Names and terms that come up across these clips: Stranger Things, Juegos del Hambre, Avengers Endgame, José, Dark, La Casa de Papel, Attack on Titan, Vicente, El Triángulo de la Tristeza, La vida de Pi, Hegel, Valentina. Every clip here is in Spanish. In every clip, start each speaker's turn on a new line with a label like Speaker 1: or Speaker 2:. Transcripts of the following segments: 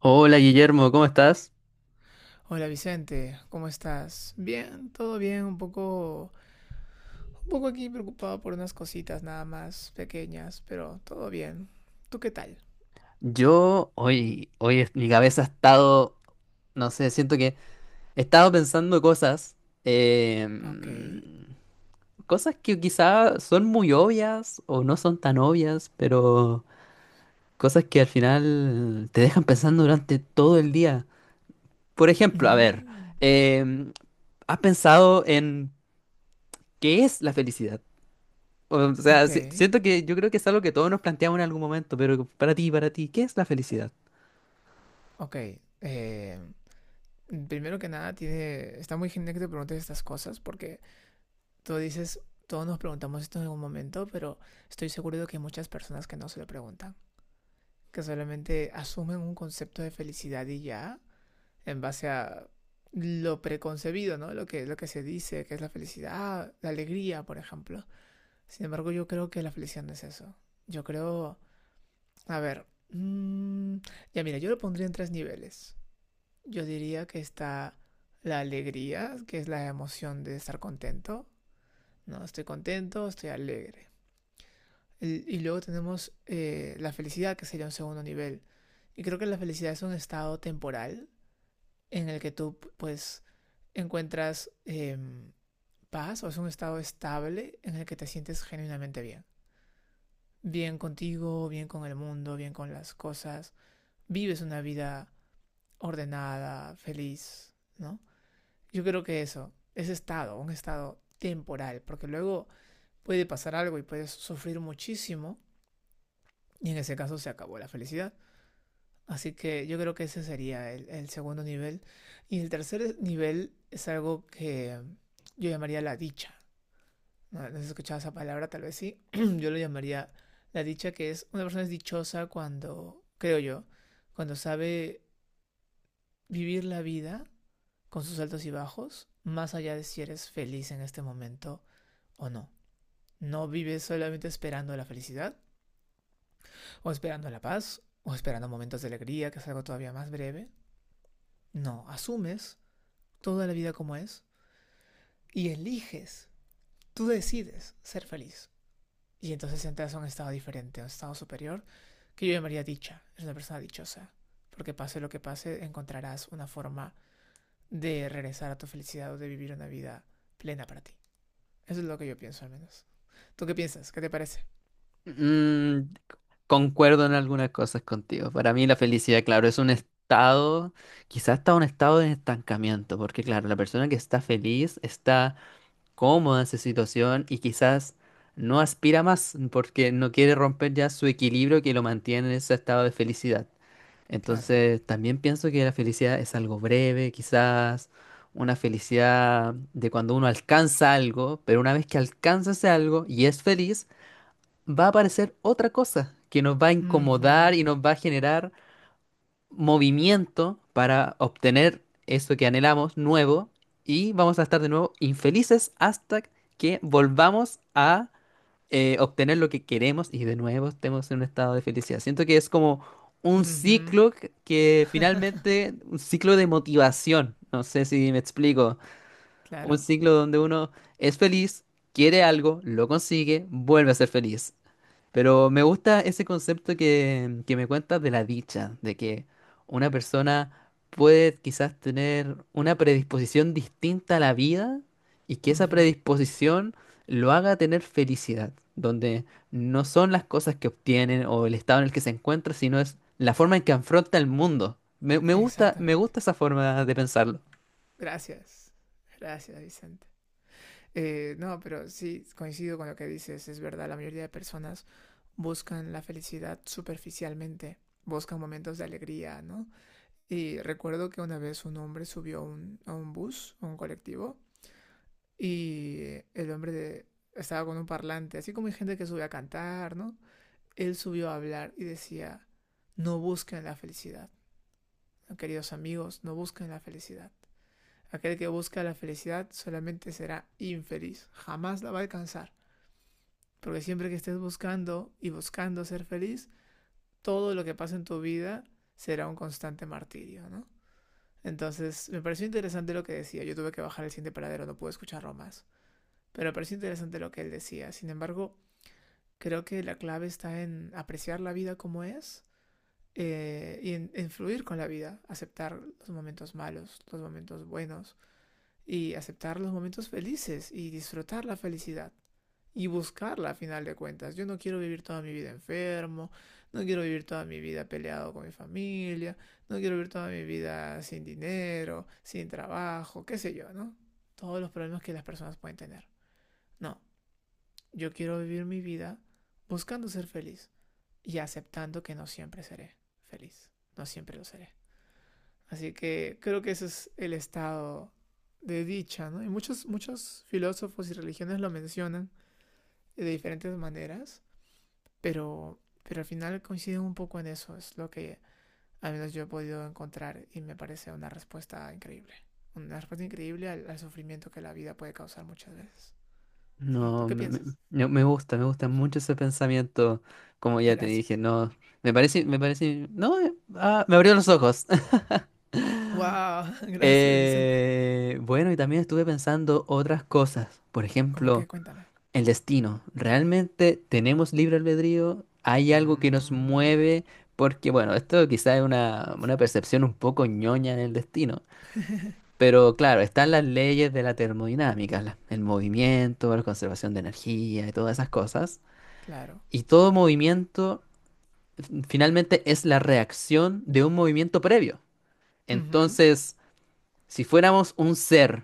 Speaker 1: Hola Guillermo, ¿cómo estás?
Speaker 2: Hola Vicente, ¿cómo estás? Bien, todo bien, un poco aquí preocupado por unas cositas nada más pequeñas, pero todo bien. ¿Tú qué tal?
Speaker 1: Yo hoy, mi cabeza ha estado, no sé, siento que he estado pensando cosas,
Speaker 2: Ok.
Speaker 1: em, cosas que quizá son muy obvias o no son tan obvias, pero cosas que al final te dejan pensando durante todo el día. Por ejemplo, a ver,
Speaker 2: Mm,
Speaker 1: em, ¿has pensado en qué es la felicidad? O sea,
Speaker 2: ok,
Speaker 1: siento que yo creo que es algo que todos nos planteamos en algún momento, pero para ti, ¿qué es la felicidad?
Speaker 2: ok. Eh, primero que nada, tiene, está muy genial que te preguntes estas cosas porque tú dices, todos nos preguntamos esto en algún momento, pero estoy seguro de que hay muchas personas que no se lo preguntan, que solamente asumen un concepto de felicidad y ya, en base a lo preconcebido, ¿no? Lo lo que se dice, que es la felicidad, la alegría, por ejemplo. Sin embargo, yo creo que la felicidad no es eso. Yo creo, a ver, ya mira, yo lo pondría en tres niveles. Yo diría que está la alegría, que es la emoción de estar contento. No, estoy contento, estoy alegre. Y luego tenemos la felicidad, que sería un segundo nivel. Y creo que la felicidad es un estado temporal, en el que tú pues encuentras paz o es un estado estable en el que te sientes genuinamente bien. Bien contigo, bien con el mundo, bien con las cosas. Vives una vida ordenada, feliz, ¿no? Yo creo que eso, ese estado, un estado temporal, porque luego puede pasar algo y puedes sufrir muchísimo y en ese caso se acabó la felicidad. Así que yo creo que ese sería el segundo nivel. Y el tercer nivel es algo que yo llamaría la dicha. No, no has escuchado esa palabra, tal vez sí. Yo lo llamaría la dicha, que es una persona es dichosa cuando, creo yo, cuando sabe vivir la vida con sus altos y bajos, más allá de si eres feliz en este momento o no. No vives solamente esperando la felicidad, o esperando la paz, o esperando momentos de alegría, que es algo todavía más breve. No, asumes toda la vida como es y eliges, tú decides ser feliz. Y entonces entras a un estado diferente, a un estado superior, que yo llamaría dicha. Es una persona dichosa. Porque pase lo que pase, encontrarás una forma de regresar a tu felicidad o de vivir una vida plena para ti. Eso es lo que yo pienso al menos. ¿Tú qué piensas? ¿Qué te parece?
Speaker 1: Mm, concuerdo en algunas cosas contigo. Para mí la felicidad, claro, es un estado, quizás está un estado de estancamiento, porque claro, la persona que está feliz está cómoda en su situación y quizás no aspira más porque no quiere romper ya su equilibrio que lo mantiene en ese estado de felicidad.
Speaker 2: Claro.
Speaker 1: Entonces, también pienso que la felicidad es algo breve, quizás una felicidad de cuando uno alcanza algo, pero una vez que alcanza ese algo y es feliz, va a aparecer otra cosa que nos va a incomodar
Speaker 2: Mhm.
Speaker 1: y nos va a generar movimiento para obtener eso que anhelamos nuevo y vamos a estar de nuevo infelices hasta que volvamos a obtener lo que queremos y de nuevo estemos en un estado de felicidad. Siento que es como un
Speaker 2: Mhm.
Speaker 1: ciclo que finalmente, un ciclo de motivación. No sé si me explico. Un
Speaker 2: claro.
Speaker 1: ciclo donde uno es feliz, quiere algo, lo consigue, vuelve a ser feliz. Pero me gusta ese concepto que me cuentas de la dicha, de que una persona puede quizás tener una predisposición distinta a la vida y que esa
Speaker 2: Mhm.
Speaker 1: predisposición lo haga tener felicidad, donde no son las cosas que obtienen o el estado en el que se encuentra, sino es la forma en que afronta el mundo. Me, me gusta, me
Speaker 2: Exactamente.
Speaker 1: gusta esa forma de pensarlo.
Speaker 2: Gracias. Gracias, Vicente. No, pero sí, coincido con lo que dices, es verdad, la mayoría de personas buscan la felicidad superficialmente, buscan momentos de alegría, ¿no? Y recuerdo que una vez un hombre subió a un bus, a un colectivo, y el hombre estaba con un parlante, así como hay gente que sube a cantar, ¿no? Él subió a hablar y decía, no busquen la felicidad, queridos amigos, no busquen la felicidad. Aquel que busca la felicidad solamente será infeliz, jamás la va a alcanzar. Porque siempre que estés buscando y buscando ser feliz, todo lo que pasa en tu vida será un constante martirio, ¿no? Entonces, me pareció interesante lo que decía. Yo tuve que bajar el siguiente paradero, no pude escucharlo más. Pero me pareció interesante lo que él decía. Sin embargo, creo que la clave está en apreciar la vida como es y en fluir con la vida, aceptar los momentos malos, los momentos buenos y aceptar los momentos felices y disfrutar la felicidad. Y buscarla a final de cuentas. Yo no quiero vivir toda mi vida enfermo, no quiero vivir toda mi vida peleado con mi familia, no quiero vivir toda mi vida sin dinero, sin trabajo, qué sé yo, ¿no? Todos los problemas que las personas pueden tener. No, yo quiero vivir mi vida buscando ser feliz y aceptando que no siempre seré feliz, no siempre lo seré. Así que creo que ese es el estado de dicha, ¿no? Y muchos filósofos y religiones lo mencionan de diferentes maneras. Pero al final coinciden un poco en eso, es lo que al menos yo he podido encontrar y me parece una respuesta increíble. Una respuesta increíble al sufrimiento que la vida puede causar muchas veces. ¿Sí? ¿Tú
Speaker 1: No,
Speaker 2: qué piensas?
Speaker 1: me gusta mucho ese pensamiento, como ya te dije,
Speaker 2: Gracias.
Speaker 1: no, me parece, no, ah, me abrió los ojos.
Speaker 2: ¡Wow! Gracias, Vicente.
Speaker 1: Bueno, y también estuve pensando otras cosas, por
Speaker 2: ¿Cómo qué?
Speaker 1: ejemplo,
Speaker 2: Cuéntame.
Speaker 1: el destino. ¿Realmente tenemos libre albedrío? ¿Hay algo que nos
Speaker 2: Mm,
Speaker 1: mueve? Porque, bueno, esto quizá es una percepción un poco ñoña del destino, pero claro, están las leyes de la termodinámica, el movimiento, la conservación de energía y todas esas cosas.
Speaker 2: claro.
Speaker 1: Y todo movimiento finalmente es la reacción de un movimiento previo.
Speaker 2: Ujú,
Speaker 1: Entonces, si fuéramos un ser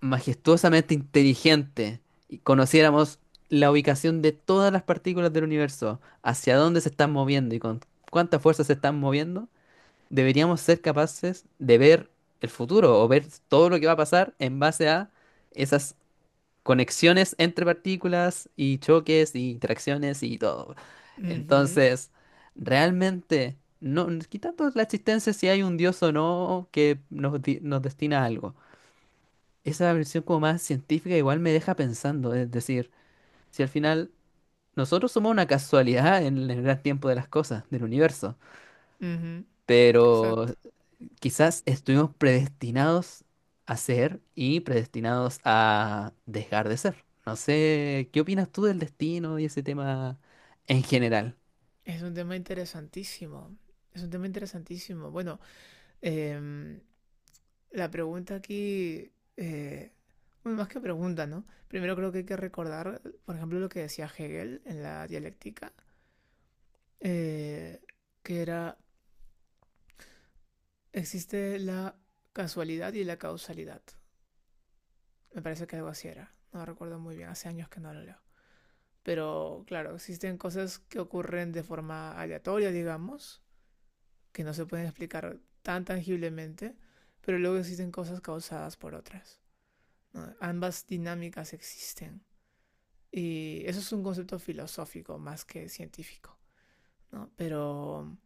Speaker 1: majestuosamente inteligente y conociéramos la ubicación de todas las partículas del universo, hacia dónde se están moviendo y con cuánta fuerza se están moviendo, deberíamos ser capaces de ver el futuro o ver todo lo que va a pasar en base a esas conexiones entre partículas y choques y interacciones y todo.
Speaker 2: ujú,
Speaker 1: Entonces, realmente, no, quitando la existencia si hay un dios o no que nos destina a algo. Esa versión como más científica igual me deja pensando, es decir, si al final nosotros somos una casualidad en el gran tiempo de las cosas, del universo.
Speaker 2: ujú. Exacto.
Speaker 1: Pero quizás estuvimos predestinados a ser y predestinados a dejar de ser. No sé, ¿qué opinas tú del destino y ese tema en general?
Speaker 2: Es un tema interesantísimo. Es un tema interesantísimo. Bueno, em, la pregunta aquí, bueno, más que pregunta, ¿no? Primero creo que hay que recordar, por ejemplo, lo que decía Hegel en la dialéctica, eh, que era, existe la casualidad y la causalidad. Me parece que algo así era. No recuerdo muy bien, hace años que no lo leo. Pero claro, existen cosas que ocurren de forma aleatoria, digamos, que no se pueden explicar tan tangiblemente, pero luego existen cosas causadas por otras. ¿No? Ambas dinámicas existen. Y eso es un concepto filosófico más que científico, ¿no?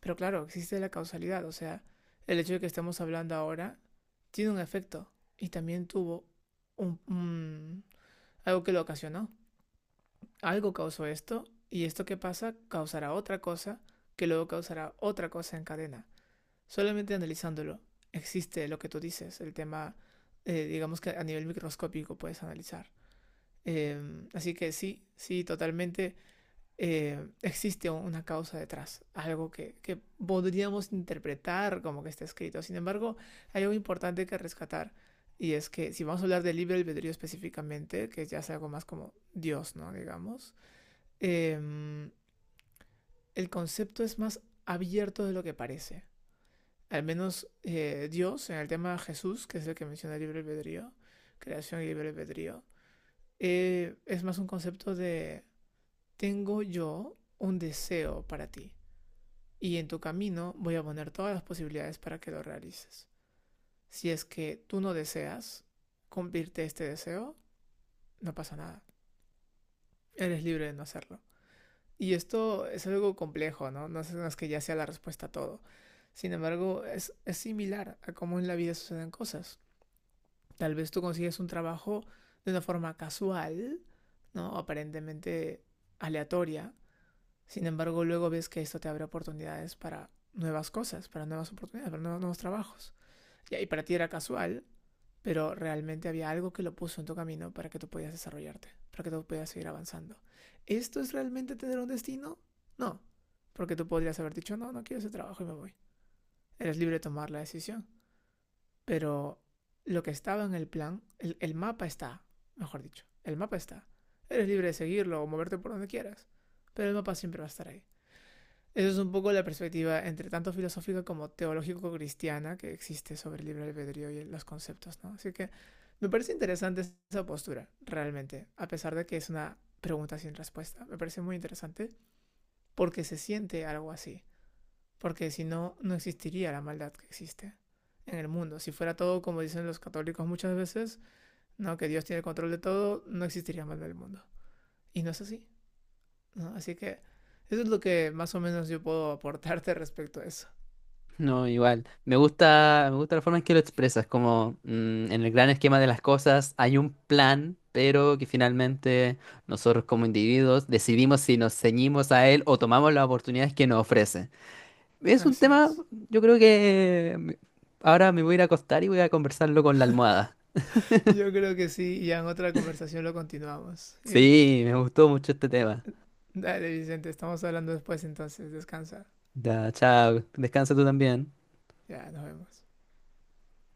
Speaker 2: Pero claro, existe la causalidad, o sea, el hecho de que estemos hablando ahora tiene un efecto y también tuvo un, un- algo que lo ocasionó. Algo causó esto y esto que pasa causará otra cosa que luego causará otra cosa en cadena. Solamente analizándolo existe lo que tú dices, el tema, digamos que a nivel microscópico puedes analizar. Así que sí, sí, totalmente. Existe una causa detrás, algo que podríamos interpretar como que está escrito. Sin embargo, hay algo importante que rescatar y es que si vamos a hablar del libre albedrío específicamente, que ya es algo más como Dios, ¿no? Digamos, eh, el concepto es más abierto de lo que parece. Al menos Dios, en el tema de Jesús, que es el que menciona el libre albedrío, creación y libre albedrío, es más un concepto de tengo yo un deseo para ti y en tu camino voy a poner todas las posibilidades para que lo realices. Si es que tú no deseas cumplirte este deseo, no pasa nada. Eres libre de no hacerlo. Y esto es algo complejo, ¿no? No es, no que ya sea la respuesta a todo. Sin embargo, es similar a cómo en la vida suceden cosas. Tal vez tú consigues un trabajo de una forma casual, ¿no? Aparentemente aleatoria. Sin embargo, luego ves que esto te abre oportunidades para nuevas cosas, para nuevas oportunidades, para nuevos trabajos. Y ahí para ti era casual, pero realmente había algo que lo puso en tu camino para que tú pudieras desarrollarte, para que tú pudieras seguir avanzando. ¿Esto es realmente tener un destino? No, porque tú podrías haber dicho, no, no quiero ese trabajo y me voy. Eres libre de tomar la decisión, pero lo que estaba en el plan, el mapa está, mejor dicho, el mapa está. Eres libre de seguirlo o moverte por donde quieras, pero el mapa siempre va a estar ahí. Eso es un poco la perspectiva entre tanto filosófica como teológico-cristiana que existe sobre el libre albedrío y los conceptos, ¿no? Así que me parece interesante esa postura, realmente, a pesar de que es una pregunta sin respuesta. Me parece muy interesante porque se siente algo así, porque si no, no existiría la maldad que existe en el mundo. Si fuera todo como dicen los católicos muchas veces, no, que Dios tiene el control de todo, no existiría maldad en el mundo. Y no es así, ¿no? Así que eso es lo que más o menos yo puedo aportarte respecto a eso.
Speaker 1: No, igual. Me gusta la forma en que lo expresas, como mm, en el gran esquema de las cosas hay un plan, pero que finalmente nosotros como individuos decidimos si nos ceñimos a él o tomamos las oportunidades que nos ofrece. Es un
Speaker 2: Así
Speaker 1: tema,
Speaker 2: es.
Speaker 1: yo creo que ahora me voy a ir a acostar y voy a conversarlo con la almohada.
Speaker 2: Yo creo que sí, y ya en otra conversación lo continuamos.
Speaker 1: Sí, me gustó mucho este tema.
Speaker 2: Dale, Vicente, estamos hablando después entonces. Descansa.
Speaker 1: Ya, chao, descansa tú también.
Speaker 2: Ya, nos vemos.